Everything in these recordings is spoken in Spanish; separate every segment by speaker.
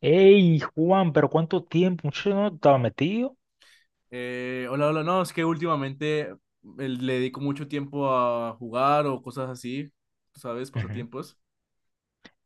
Speaker 1: Ey, Juan, pero ¿cuánto tiempo? Muchacho, no estaba metido.
Speaker 2: Hola, hola, no, es que últimamente le dedico mucho tiempo a jugar o cosas así, ¿sabes?
Speaker 1: Ujú.
Speaker 2: Pasatiempos.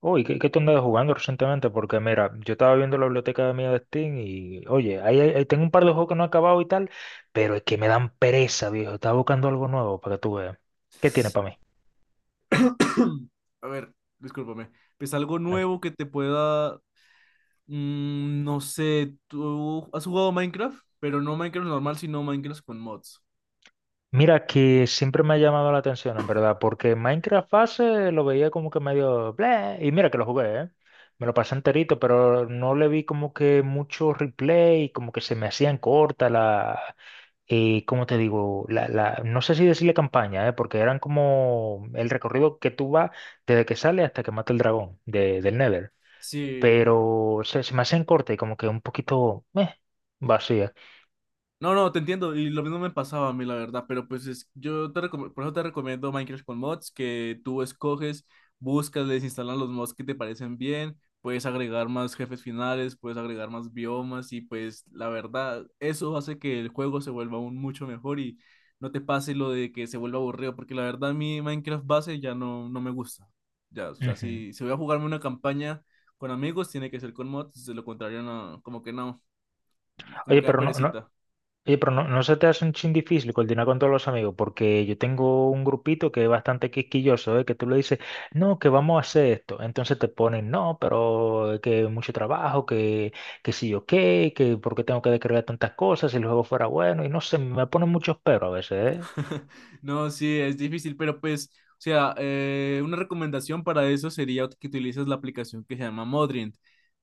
Speaker 1: Oye, ¿qué tú andabas jugando recientemente? Porque mira, yo estaba viendo la biblioteca mía de Steam y, oye, ahí tengo un par de juegos que no he acabado y tal, pero es que me dan pereza, viejo. Estaba buscando algo nuevo para que tú veas. ¿Qué tiene para mí?
Speaker 2: A ver, discúlpame. Pues algo
Speaker 1: Tranquilo.
Speaker 2: nuevo que te pueda, no sé, tú has jugado Minecraft, pero no Minecraft normal, sino Minecraft con mods.
Speaker 1: Mira, que siempre me ha llamado la atención, en verdad, porque Minecraft Fase lo veía como que medio bleh, y mira que lo jugué, ¿eh? Me lo pasé enterito, pero no le vi como que mucho replay, como que se me hacían cortas las ¿cómo te digo? No sé si decirle campaña, porque eran como el recorrido que tú vas desde que sale hasta que mata el dragón de, del Nether.
Speaker 2: Sí.
Speaker 1: Pero se me hacen corte y como que un poquito vacía.
Speaker 2: No, no, te entiendo, y lo mismo me pasaba a mí, la verdad, pero pues es, por eso te recomiendo Minecraft con mods, que tú escoges, buscas, les instalas los mods que te parecen bien, puedes agregar más jefes finales, puedes agregar más biomas, y pues la verdad, eso hace que el juego se vuelva aún mucho mejor y no te pase lo de que se vuelva aburrido, porque la verdad mi Minecraft base ya no, no me gusta. Ya, o sea,
Speaker 1: Ujú.
Speaker 2: si voy a jugarme una campaña con amigos, tiene que ser con mods, de lo contrario, no, como que no, como
Speaker 1: Oye,
Speaker 2: que da
Speaker 1: pero no, no,
Speaker 2: perecita.
Speaker 1: Oye, pero no, no se te hace un chin difícil coordinar con todos los amigos, porque yo tengo un grupito que es bastante quisquilloso, ¿eh? Que tú le dices, no, que vamos a hacer esto. Entonces te ponen, no, pero que mucho trabajo, que sí o qué, que porque tengo que descargar tantas cosas, si el juego fuera bueno, y no sé, me ponen muchos pero a veces,
Speaker 2: No, sí, es difícil, pero pues, o sea, una recomendación para eso sería que utilices la aplicación que se llama Modrient.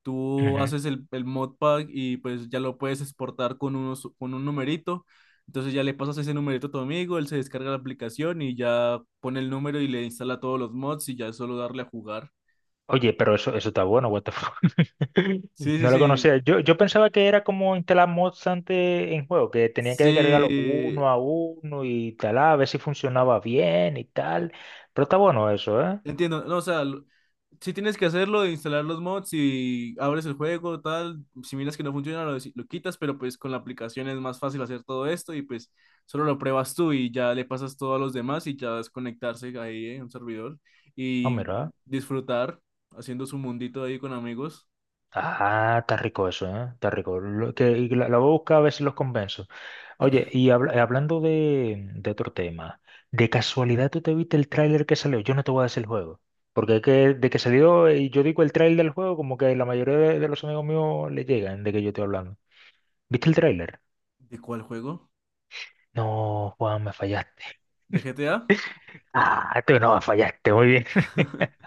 Speaker 2: Tú
Speaker 1: ¿eh?
Speaker 2: haces el modpack y pues ya lo puedes exportar con, unos, con un numerito. Entonces ya le pasas ese numerito a tu amigo, él se descarga la aplicación y ya pone el número y le instala todos los mods y ya es solo darle a jugar.
Speaker 1: Oye, pero eso está bueno, what the fuck.
Speaker 2: Sí, sí,
Speaker 1: No lo
Speaker 2: sí.
Speaker 1: conocía. Yo pensaba que era como instalar mods antes en juego, que tenía que descargarlo
Speaker 2: Sí.
Speaker 1: uno a uno y tal, a ver si funcionaba bien y tal. Pero está bueno eso, ¿eh?
Speaker 2: Entiendo, no, o sea, si tienes que hacerlo, de instalar los mods y abres el juego, tal, si miras que no funciona, lo quitas, pero pues con la aplicación es más fácil hacer todo esto y pues solo lo pruebas tú y ya le pasas todo a los demás y ya es conectarse ahí en un servidor
Speaker 1: Ah,
Speaker 2: y
Speaker 1: mira.
Speaker 2: disfrutar haciendo su mundito ahí con amigos.
Speaker 1: Ah, está rico eso, ¿eh? Está rico. Lo que, y la voy a buscar a ver si los convenzo. Oye, y hablando de otro tema, ¿de casualidad tú te viste el tráiler que salió? Yo no te voy a decir el juego, porque es que de que salió, y yo digo el tráiler del juego, como que la mayoría de los amigos míos le llegan de que yo estoy hablando. ¿Viste el tráiler?
Speaker 2: ¿De cuál juego?
Speaker 1: No, Juan, me fallaste.
Speaker 2: ¿De GTA?
Speaker 1: Ah, tú no me fallaste, muy bien.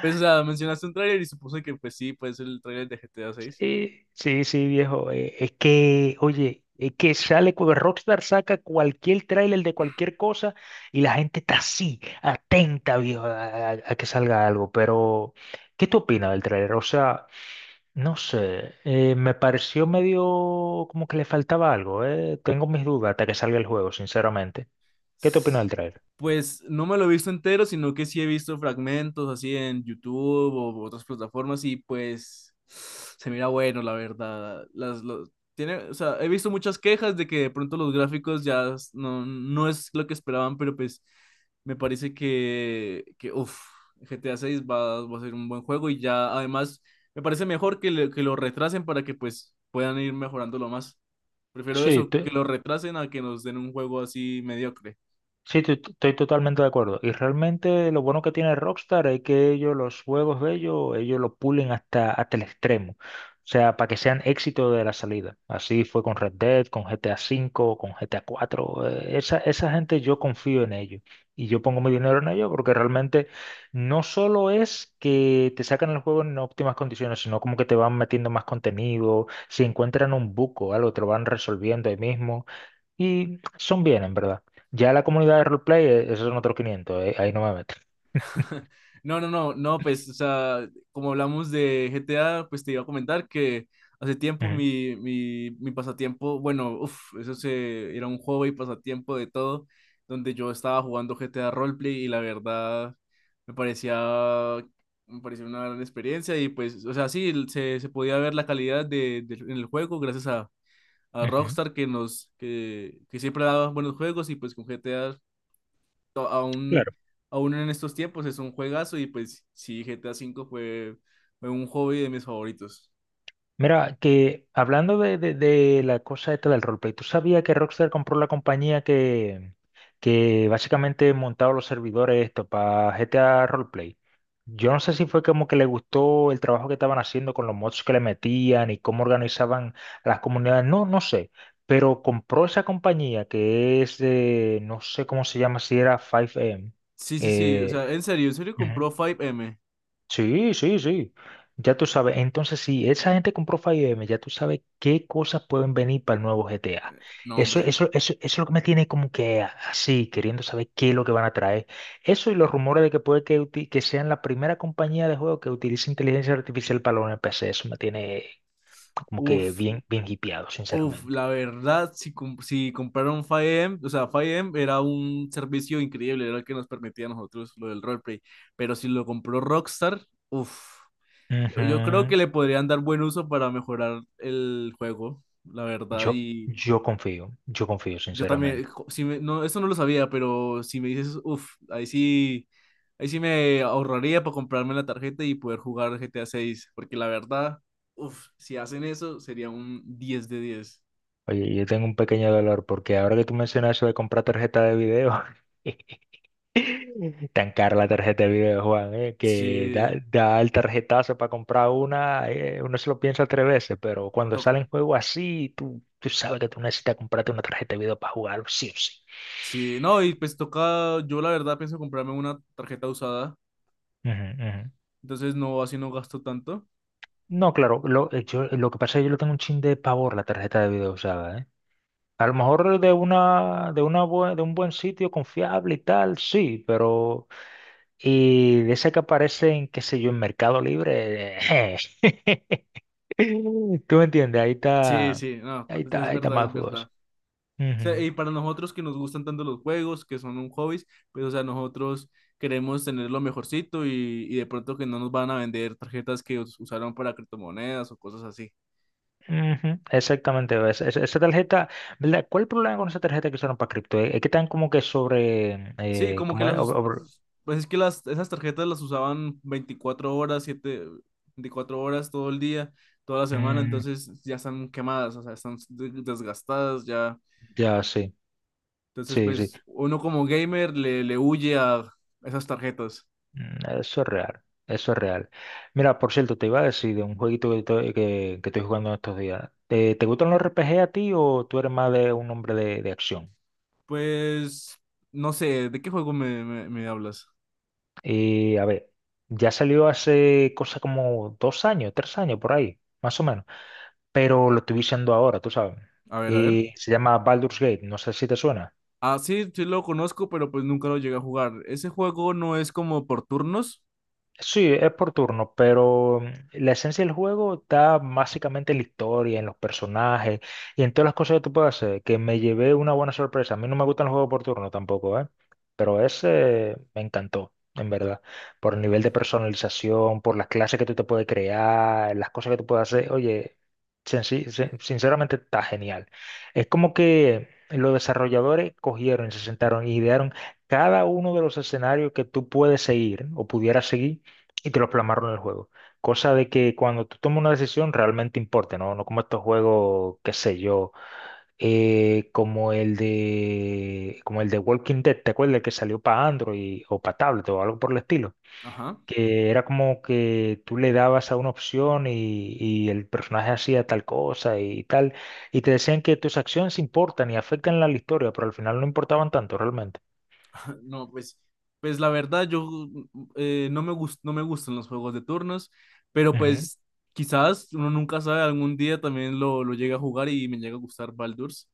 Speaker 2: Pues, o sea, mencionaste un tráiler y supuse que pues sí, pues el tráiler de GTA 6.
Speaker 1: Sí, sí, viejo. Es que, oye, es que sale, Rockstar saca cualquier tráiler de cualquier cosa y la gente está así, atenta, viejo, a que salga algo. Pero, ¿qué tú opinas del tráiler? O sea, no sé, me pareció medio como que le faltaba algo, Tengo mis dudas hasta que salga el juego, sinceramente. ¿Qué tú opinas del tráiler?
Speaker 2: Pues no me lo he visto entero, sino que sí he visto fragmentos así en YouTube o otras plataformas y pues se mira bueno, la verdad. Tiene, o sea, he visto muchas quejas de que de pronto los gráficos ya no, no es lo que esperaban, pero pues me parece que uff, GTA 6 va a ser un buen juego y ya además me parece mejor que, que lo retrasen para que pues puedan ir mejorándolo más. Prefiero
Speaker 1: Sí,
Speaker 2: eso, que lo retrasen a que nos den un juego así mediocre.
Speaker 1: sí, estoy totalmente de acuerdo. Y realmente lo bueno que tiene Rockstar es que ellos los juegos de ellos, ellos lo pulen hasta, hasta el extremo. O sea, para que sean éxito de la salida. Así fue con Red Dead, con GTA V, con GTA IV. Esa, esa gente yo confío en ellos. Y yo pongo mi dinero en ellos porque realmente no solo es que te sacan el juego en óptimas condiciones, sino como que te van metiendo más contenido. Si encuentran un buco, algo, te lo van resolviendo ahí mismo. Y son bien, en verdad. Ya la comunidad de roleplay, esos son otros 500, ahí no me meto.
Speaker 2: No, no, no, no, pues, o sea, como hablamos de GTA, pues te iba a comentar que hace tiempo
Speaker 1: Ujú,
Speaker 2: mi pasatiempo, bueno, uff, eso se, era un juego y pasatiempo de todo, donde yo estaba jugando GTA Roleplay y la verdad me parecía, me parecía una gran experiencia y pues, o sea, sí, se podía ver la calidad en el juego gracias a
Speaker 1: ujú.
Speaker 2: Rockstar que nos, que siempre daba buenos juegos y pues con GTA aún,
Speaker 1: Claro.
Speaker 2: aún en estos tiempos es un juegazo y pues sí, GTA 5 V fue, fue un hobby de mis favoritos.
Speaker 1: Mira, que hablando de, de la cosa esta del roleplay, ¿tú sabías que Rockstar compró la compañía que básicamente montaba los servidores esto para GTA Roleplay? Yo no sé si fue como que le gustó el trabajo que estaban haciendo con los mods que le metían y cómo organizaban las comunidades, no, no sé, pero compró esa compañía que es de, no sé cómo se llama, si era 5M.
Speaker 2: Sí, sí, sí, o
Speaker 1: Eh,
Speaker 2: sea, en serio compró 5M.
Speaker 1: Sí, sí, sí. Ya tú sabes. Entonces, si esa gente compró 5M, ya tú sabes qué cosas pueden venir para el nuevo GTA.
Speaker 2: No,
Speaker 1: Eso,
Speaker 2: hombre.
Speaker 1: eso, eso, eso es lo que me tiene como que así, queriendo saber qué es lo que van a traer. Eso y los rumores de que puede que, que sean la primera compañía de juego que utilice inteligencia artificial para los NPC. Eso me tiene como que
Speaker 2: Uf,
Speaker 1: bien, bien hipeado,
Speaker 2: uf,
Speaker 1: sinceramente.
Speaker 2: la verdad, si, si compraron 5M, o sea, 5M era un servicio increíble, era el que nos permitía a nosotros lo del roleplay, pero si lo compró Rockstar, uf, yo creo
Speaker 1: Ujú.
Speaker 2: que le podrían dar buen uso para mejorar el juego, la verdad,
Speaker 1: Yo,
Speaker 2: y...
Speaker 1: yo confío, yo confío,
Speaker 2: Yo también,
Speaker 1: sinceramente.
Speaker 2: no, eso no lo sabía, pero si me dices, uff, ahí sí me ahorraría para comprarme la tarjeta y poder jugar GTA 6 6 porque la verdad, uff, si hacen eso sería un 10 de 10.
Speaker 1: Oye, yo tengo un pequeño dolor porque ahora que tú mencionas eso de comprar tarjeta de video. Tan cara la tarjeta de video, Juan, que da,
Speaker 2: Sí,
Speaker 1: da el tarjetazo para comprar una, uno se lo piensa tres veces, pero cuando
Speaker 2: to-
Speaker 1: sale en juego así, tú sabes que tú necesitas comprarte una tarjeta de video para jugarlo, sí o sí.
Speaker 2: sí, no, y pues toca, yo la verdad pienso comprarme una tarjeta usada,
Speaker 1: Ujú, ujú.
Speaker 2: entonces no, así no gasto tanto.
Speaker 1: No, claro, lo que pasa es que yo le tengo un chin de pavor a la tarjeta de video usada, ¿eh? A lo mejor de una, de un buen sitio confiable y tal, sí, pero y de esa que aparecen, qué sé yo, en Mercado Libre, tú me entiendes, ahí
Speaker 2: Sí,
Speaker 1: está,
Speaker 2: sí, no,
Speaker 1: ahí está,
Speaker 2: es
Speaker 1: ahí está
Speaker 2: verdad,
Speaker 1: más
Speaker 2: es
Speaker 1: dudoso.
Speaker 2: verdad. Sea,
Speaker 1: Ujú,
Speaker 2: y para nosotros que nos gustan tanto los juegos, que son un hobby, pues, o sea, nosotros queremos tener lo mejorcito y de pronto que no nos van a vender tarjetas que usaron para criptomonedas o cosas así.
Speaker 1: ujú, exactamente, ves, esa tarjeta, ¿verdad? ¿Cuál es el problema con esa tarjeta que usaron para cripto? Es que están como que sobre,
Speaker 2: Sí, como que
Speaker 1: ¿cómo es?
Speaker 2: pues es que las, esas tarjetas las usaban 24 horas, 7 24 horas todo el día, toda la semana,
Speaker 1: Mm,
Speaker 2: entonces ya están quemadas, o sea, están desgastadas ya.
Speaker 1: ya, sí,
Speaker 2: Entonces,
Speaker 1: sí, sí.
Speaker 2: pues uno como gamer le huye a esas tarjetas.
Speaker 1: Mm, eso es real, eso es real. Mira, por cierto, te iba a decir de un jueguito que estoy jugando en estos días. ¿Te gustan los RPG a ti o tú eres más de un hombre de acción?
Speaker 2: Pues no sé, ¿de qué juego me hablas?
Speaker 1: Y a ver, ya salió hace cosa como 2 años, 3 años por ahí, más o menos. Pero lo estoy viendo ahora, tú sabes.
Speaker 2: A ver, a ver.
Speaker 1: Y se llama Baldur's Gate, no sé si te suena.
Speaker 2: Ah, sí, sí lo conozco, pero pues nunca lo llegué a jugar. Ese juego no es como por turnos.
Speaker 1: Sí, es por turno, pero la esencia del juego está básicamente en la historia, en los personajes y en todas las cosas que tú puedes hacer, que me llevé una buena sorpresa. A mí no me gustan los juegos por turno tampoco, ¿eh? Pero ese me encantó, en verdad, por el nivel de personalización, por las clases que tú te puedes crear, las cosas que tú puedes hacer. Oye, sinceramente está genial. Es como que los desarrolladores cogieron, y se sentaron y idearon cada uno de los escenarios que tú puedes seguir o pudieras seguir y te lo plasmaron en el juego. Cosa de que cuando tú tomas una decisión realmente importe, ¿no? No como estos juegos, qué sé yo, como el de Walking Dead, ¿te acuerdas que salió para Android o para tablet o algo por el estilo?
Speaker 2: Ajá.
Speaker 1: Que era como que tú le dabas a una opción y el personaje hacía tal cosa y tal, y te decían que tus acciones importan y afectan la historia, pero al final no importaban tanto realmente.
Speaker 2: No, pues, pues la verdad, yo no me gustan los juegos de turnos, pero
Speaker 1: Ujú,
Speaker 2: pues quizás uno nunca sabe, algún día también lo llegue a jugar y me llega a gustar Baldur's.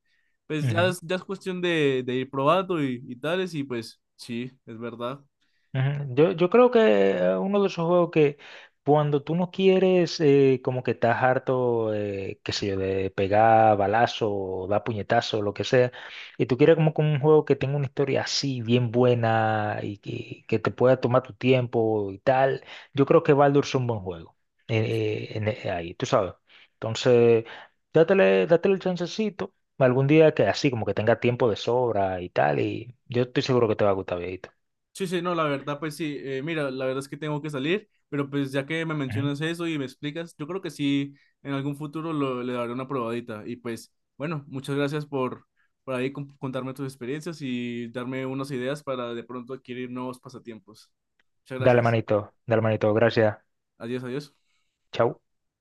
Speaker 2: Pues
Speaker 1: ujú.
Speaker 2: ya es cuestión de ir probando y tales, y pues sí, es verdad.
Speaker 1: Ujú. Yo creo que uno de esos juegos que cuando tú no quieres, como que estás harto, qué sé yo, de pegar balazo o dar puñetazo, lo que sea, y tú quieres como que un juego que tenga una historia así, bien buena y que te pueda tomar tu tiempo y tal, yo creo que Baldur es un buen juego. Ahí, tú sabes. Entonces, dátele, dátele el chancecito algún día que así, como que tenga tiempo de sobra y tal, y yo estoy seguro que te va a gustar, viejito.
Speaker 2: Sí, sí, no, la verdad, pues sí, mira, la verdad es que tengo que salir, pero pues ya que me mencionas eso y me explicas, yo creo que sí, en algún futuro le daré una probadita. Y pues, bueno, muchas gracias por ahí contarme tus experiencias y darme unas ideas para de pronto adquirir nuevos pasatiempos. Muchas gracias.
Speaker 1: Dale, manito, gracias.
Speaker 2: Adiós, adiós.
Speaker 1: Chau.